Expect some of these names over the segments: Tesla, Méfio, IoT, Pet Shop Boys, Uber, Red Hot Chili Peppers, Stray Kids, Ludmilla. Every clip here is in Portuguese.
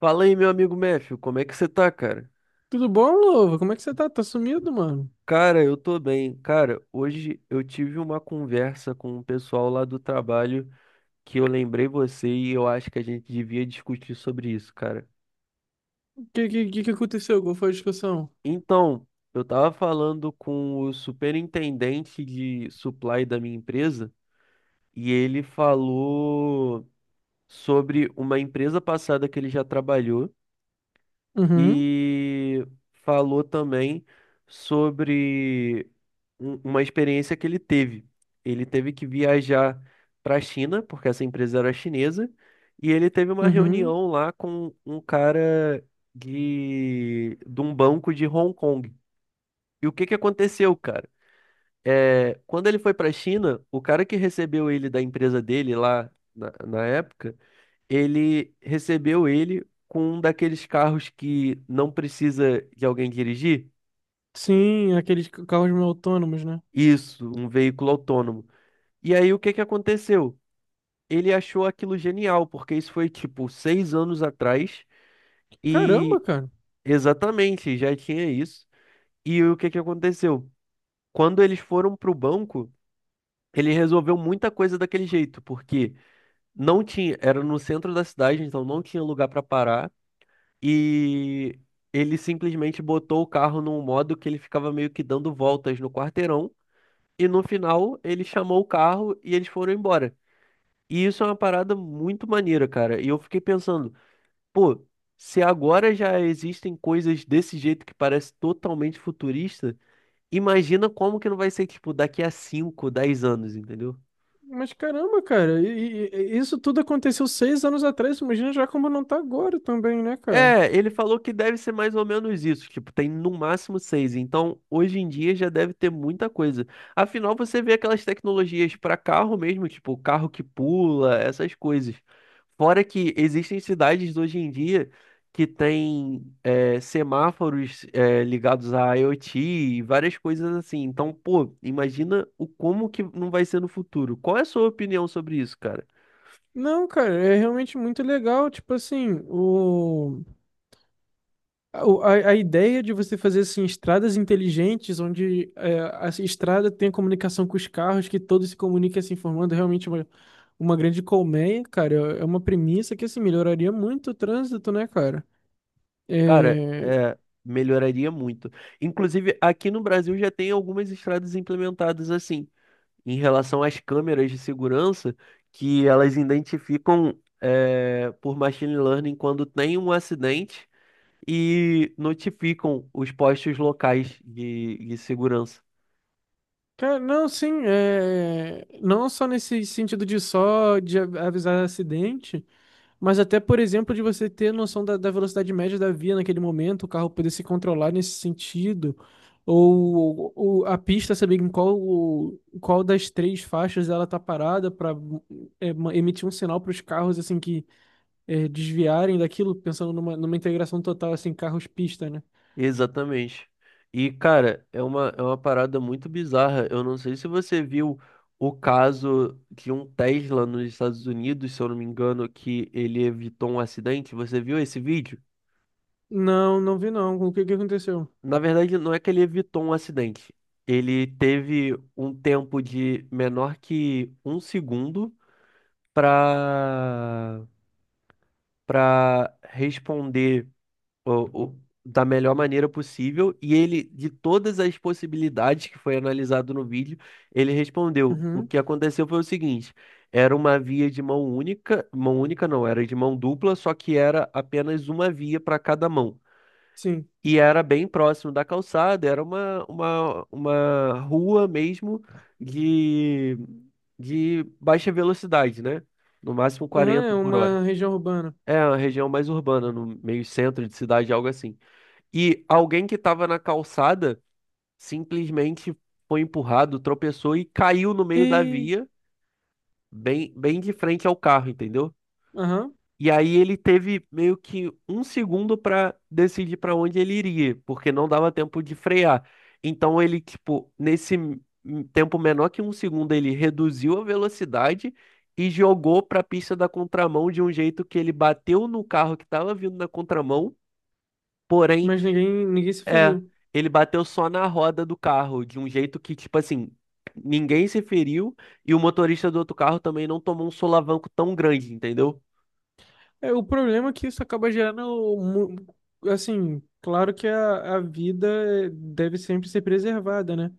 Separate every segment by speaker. Speaker 1: Fala aí, meu amigo Méfio, como é que você tá, cara?
Speaker 2: Tudo bom, Louva? Como é que você tá? Tá sumido, mano?
Speaker 1: Cara, eu tô bem. Cara, hoje eu tive uma conversa com o pessoal lá do trabalho que eu lembrei você e eu acho que a gente devia discutir sobre isso, cara.
Speaker 2: O que que aconteceu? Qual foi a discussão?
Speaker 1: Então, eu tava falando com o superintendente de supply da minha empresa e ele falou sobre uma empresa passada que ele já trabalhou
Speaker 2: Uhum,
Speaker 1: e falou também sobre uma experiência que ele teve. Ele teve que viajar para a China, porque essa empresa era chinesa, e ele teve uma
Speaker 2: uhum.
Speaker 1: reunião lá com um cara de um banco de Hong Kong. E o que que aconteceu, cara? Quando ele foi para a China, o cara que recebeu ele da empresa dele lá na época ele recebeu ele com um daqueles carros que não precisa de alguém dirigir.
Speaker 2: Sim, carros meio autônomos, né?
Speaker 1: Isso, um veículo autônomo. E aí o que que aconteceu? Ele achou aquilo genial, porque isso foi tipo 6 anos atrás
Speaker 2: Caramba,
Speaker 1: e
Speaker 2: cara.
Speaker 1: exatamente já tinha isso. E o que que aconteceu? Quando eles foram para o banco, ele resolveu muita coisa daquele jeito, porque não tinha, era no centro da cidade, então não tinha lugar para parar. E ele simplesmente botou o carro num modo que ele ficava meio que dando voltas no quarteirão. E no final ele chamou o carro e eles foram embora. E isso é uma parada muito maneira, cara. E eu fiquei pensando, pô, se agora já existem coisas desse jeito que parece totalmente futurista, imagina como que não vai ser, tipo, daqui a 5 10 anos, entendeu?
Speaker 2: Mas caramba, cara. E isso tudo aconteceu 6 anos atrás. Imagina já como não tá agora também, né, cara?
Speaker 1: É, ele falou que deve ser mais ou menos isso, tipo, tem no máximo seis, então hoje em dia já deve ter muita coisa. Afinal, você vê aquelas tecnologias para carro mesmo, tipo, carro que pula, essas coisas. Fora que existem cidades hoje em dia que têm semáforos ligados à IoT e várias coisas assim. Então, pô, imagina o como que não vai ser no futuro. Qual é a sua opinião sobre isso, cara?
Speaker 2: Não, cara, é realmente muito legal. Tipo assim, o. A ideia de você fazer assim, estradas inteligentes, onde a estrada tem a comunicação com os carros, que todos se comuniquem se informando, é realmente uma grande colmeia, cara. É é uma premissa que assim, melhoraria muito o trânsito, né, cara?
Speaker 1: Cara,
Speaker 2: É,
Speaker 1: é, melhoraria muito. Inclusive, aqui no Brasil já tem algumas estradas implementadas assim, em relação às câmeras de segurança, que elas identificam por machine learning quando tem um acidente e notificam os postos locais de segurança.
Speaker 2: cara, não, sim, não só nesse sentido de só de avisar acidente. Mas até, por exemplo, de você ter noção da velocidade média da via naquele momento, o carro poder se controlar nesse sentido, ou a pista saber em qual das 3 faixas ela tá parada para emitir um sinal para os carros assim que desviarem daquilo, pensando numa integração total assim carros-pista, né?
Speaker 1: Exatamente. E, cara, é uma parada muito bizarra. Eu não sei se você viu o caso de um Tesla nos Estados Unidos, se eu não me engano, que ele evitou um acidente. Você viu esse vídeo?
Speaker 2: Não, não vi não. O que que aconteceu?
Speaker 1: Na verdade, não é que ele evitou um acidente. Ele teve um tempo de menor que um segundo para responder da melhor maneira possível. E ele, de todas as possibilidades que foi analisado no vídeo, ele respondeu: o
Speaker 2: Uhum,
Speaker 1: que aconteceu foi o seguinte: era uma via de mão única não, era de mão dupla, só que era apenas uma via para cada mão.
Speaker 2: sim.
Speaker 1: E era bem próximo da calçada, era uma rua mesmo de, baixa velocidade, né? No máximo
Speaker 2: Aham,
Speaker 1: 40
Speaker 2: é
Speaker 1: por hora.
Speaker 2: uma região urbana.
Speaker 1: É uma região mais urbana, no meio centro de cidade, algo assim. E alguém que estava na calçada simplesmente foi empurrado, tropeçou e caiu no meio da
Speaker 2: E,
Speaker 1: via, bem, bem de frente ao carro, entendeu?
Speaker 2: aham,
Speaker 1: E aí ele teve meio que um segundo para decidir para onde ele iria, porque não dava tempo de frear. Então ele, tipo, tempo menor que um segundo, ele reduziu a velocidade e jogou para a pista da contramão de um jeito que ele bateu no carro que estava vindo na contramão. Porém,
Speaker 2: mas ninguém se
Speaker 1: é,
Speaker 2: feriu.
Speaker 1: ele bateu só na roda do carro, de um jeito que, tipo assim, ninguém se feriu e o motorista do outro carro também não tomou um solavanco tão grande, entendeu?
Speaker 2: É, o problema é que isso acaba gerando, mu- assim, claro que a vida deve sempre ser preservada, né?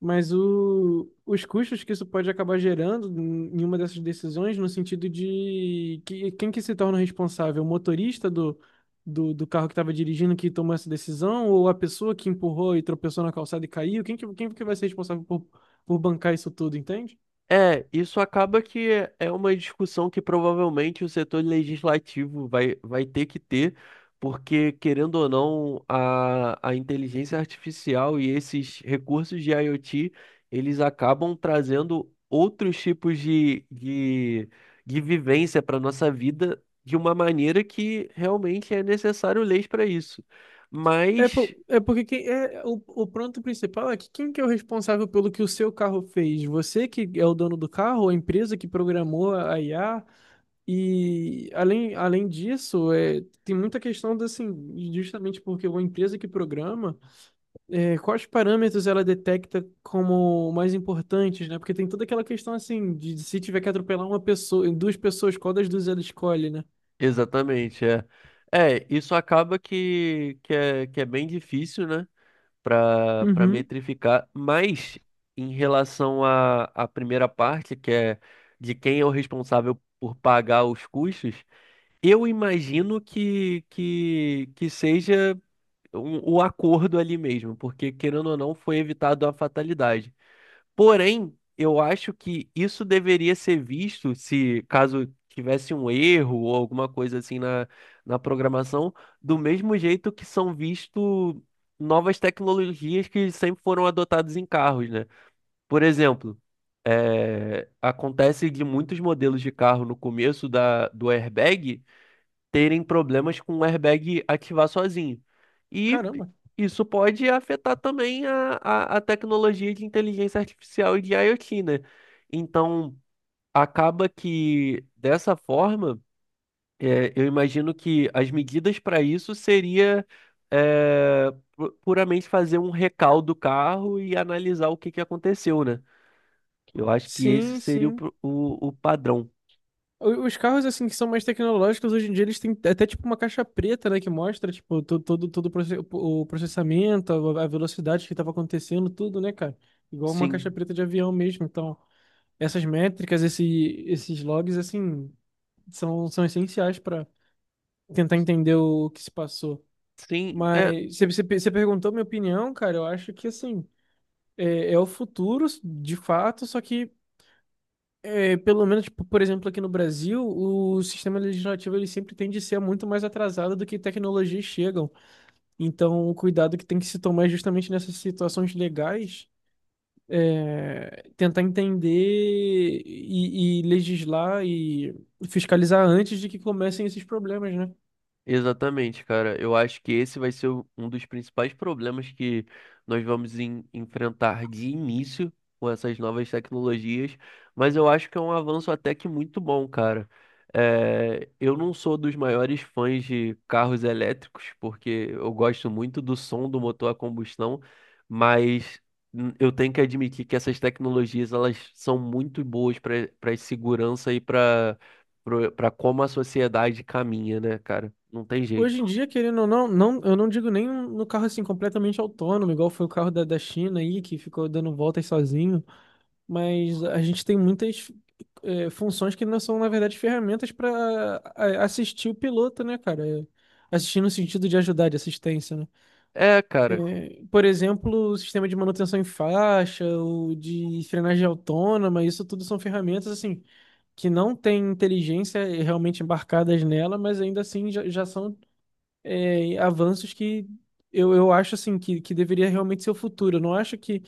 Speaker 2: Mas os custos que isso pode acabar gerando em uma dessas decisões, no sentido de que, quem que se torna responsável? O motorista do carro que estava dirigindo que tomou essa decisão? Ou a pessoa que empurrou e tropeçou na calçada e caiu? Quem que vai ser responsável por bancar isso tudo, entende?
Speaker 1: É, isso acaba que é uma discussão que provavelmente o setor legislativo vai ter que ter, porque, querendo ou não, a inteligência artificial e esses recursos de IoT, eles acabam trazendo outros tipos de vivência para a nossa vida de uma maneira que realmente é necessário leis para isso. Mas,
Speaker 2: É porque quem, o ponto principal é que quem que é o responsável pelo que o seu carro fez? Você que é o dono do carro, a empresa que programou a IA? E além disso, é, tem muita questão de, assim, justamente porque uma empresa que programa, é, quais parâmetros ela detecta como mais importantes, né? Porque tem toda aquela questão assim de se tiver que atropelar uma pessoa, duas pessoas, qual das duas ela escolhe, né?
Speaker 1: exatamente, é. É, isso acaba que, que é bem difícil, né? para
Speaker 2: Uhum.
Speaker 1: metrificar, mas em relação à, à primeira parte, que é de quem é o responsável por pagar os custos, eu imagino que seja o acordo ali mesmo, porque querendo ou não, foi evitado a fatalidade. Porém, eu acho que isso deveria ser visto, se caso tivesse um erro ou alguma coisa assim na, na programação, do mesmo jeito que são visto novas tecnologias que sempre foram adotadas em carros, né? Por exemplo, acontece de muitos modelos de carro no começo da, do airbag terem problemas com o airbag ativar sozinho. E
Speaker 2: Caramba.
Speaker 1: isso pode afetar também a, a tecnologia de inteligência artificial e de IoT, né? Então, acaba que dessa forma, é, eu imagino que as medidas para isso seria puramente fazer um recall do carro e analisar o que que aconteceu, né? Eu acho que esse
Speaker 2: Sim,
Speaker 1: seria o,
Speaker 2: sim.
Speaker 1: pro- o, o padrão.
Speaker 2: O- Os carros assim que são mais tecnológicos hoje em dia eles têm até tipo uma caixa preta, né, que mostra tipo todo o processamento, a velocidade que estava acontecendo, tudo, né, cara? Igual uma caixa
Speaker 1: Sim,
Speaker 2: preta de avião mesmo. Então, essas métricas, esses logs assim são essenciais tentar entender o que se passou.
Speaker 1: sim.
Speaker 2: Mas você perguntou minha opinião, cara. Eu acho que assim é o futuro, de fato. Só que é, pelo menos, tipo, por exemplo, aqui no Brasil, o sistema legislativo ele sempre tende a ser muito mais atrasado do que tecnologias chegam. Então, o cuidado que tem que se tomar é justamente nessas situações legais. É, tentar entender e legislar e fiscalizar antes de que comecem esses problemas, né?
Speaker 1: Exatamente, cara. Eu acho que esse vai ser um dos principais problemas que nós vamos enfrentar de início com essas novas tecnologias, mas eu acho que é um avanço até que muito bom, cara. Eu não sou dos maiores fãs de carros elétricos, porque eu gosto muito do som do motor a combustão, mas eu tenho que admitir que essas tecnologias elas são muito boas para segurança e para pra como a sociedade caminha, né, cara? Não tem
Speaker 2: Hoje
Speaker 1: jeito.
Speaker 2: em dia, querendo ou não, não, eu não digo nem no carro assim completamente autônomo, igual foi o carro da China aí, que ficou dando voltas sozinho, mas a gente tem muitas funções que não são, na verdade, ferramentas para assistir o piloto, né, cara? É, assistir no sentido de ajudar, de assistência, né?
Speaker 1: É, cara.
Speaker 2: Por exemplo, o sistema de manutenção em faixa, o de frenagem autônoma, isso tudo são ferramentas, assim, que não têm inteligência realmente embarcadas nela, mas ainda assim já são é, avanços que eu acho assim que deveria realmente ser o futuro. Eu não acho que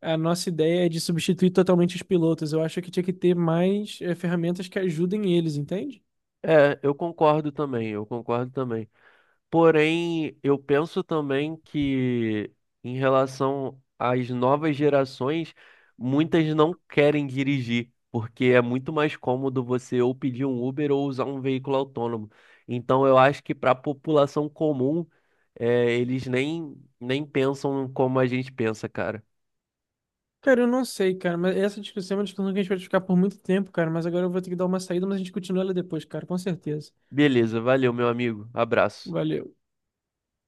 Speaker 2: a nossa ideia é de substituir totalmente os pilotos. Eu acho que tinha que ter mais é, ferramentas que ajudem eles, entende?
Speaker 1: É, eu concordo também, eu concordo também. Porém, eu penso também que em relação às novas gerações, muitas não querem dirigir, porque é muito mais cômodo você ou pedir um Uber ou usar um veículo autônomo. Então, eu acho que para a população comum, eles nem pensam como a gente pensa, cara.
Speaker 2: Cara, eu não sei, cara, mas essa discussão é uma discussão que a gente vai ficar por muito tempo, cara, mas agora eu vou ter que dar uma saída, mas a gente continua ela depois, cara, com certeza.
Speaker 1: Beleza, valeu, meu amigo. Abraço.
Speaker 2: Valeu.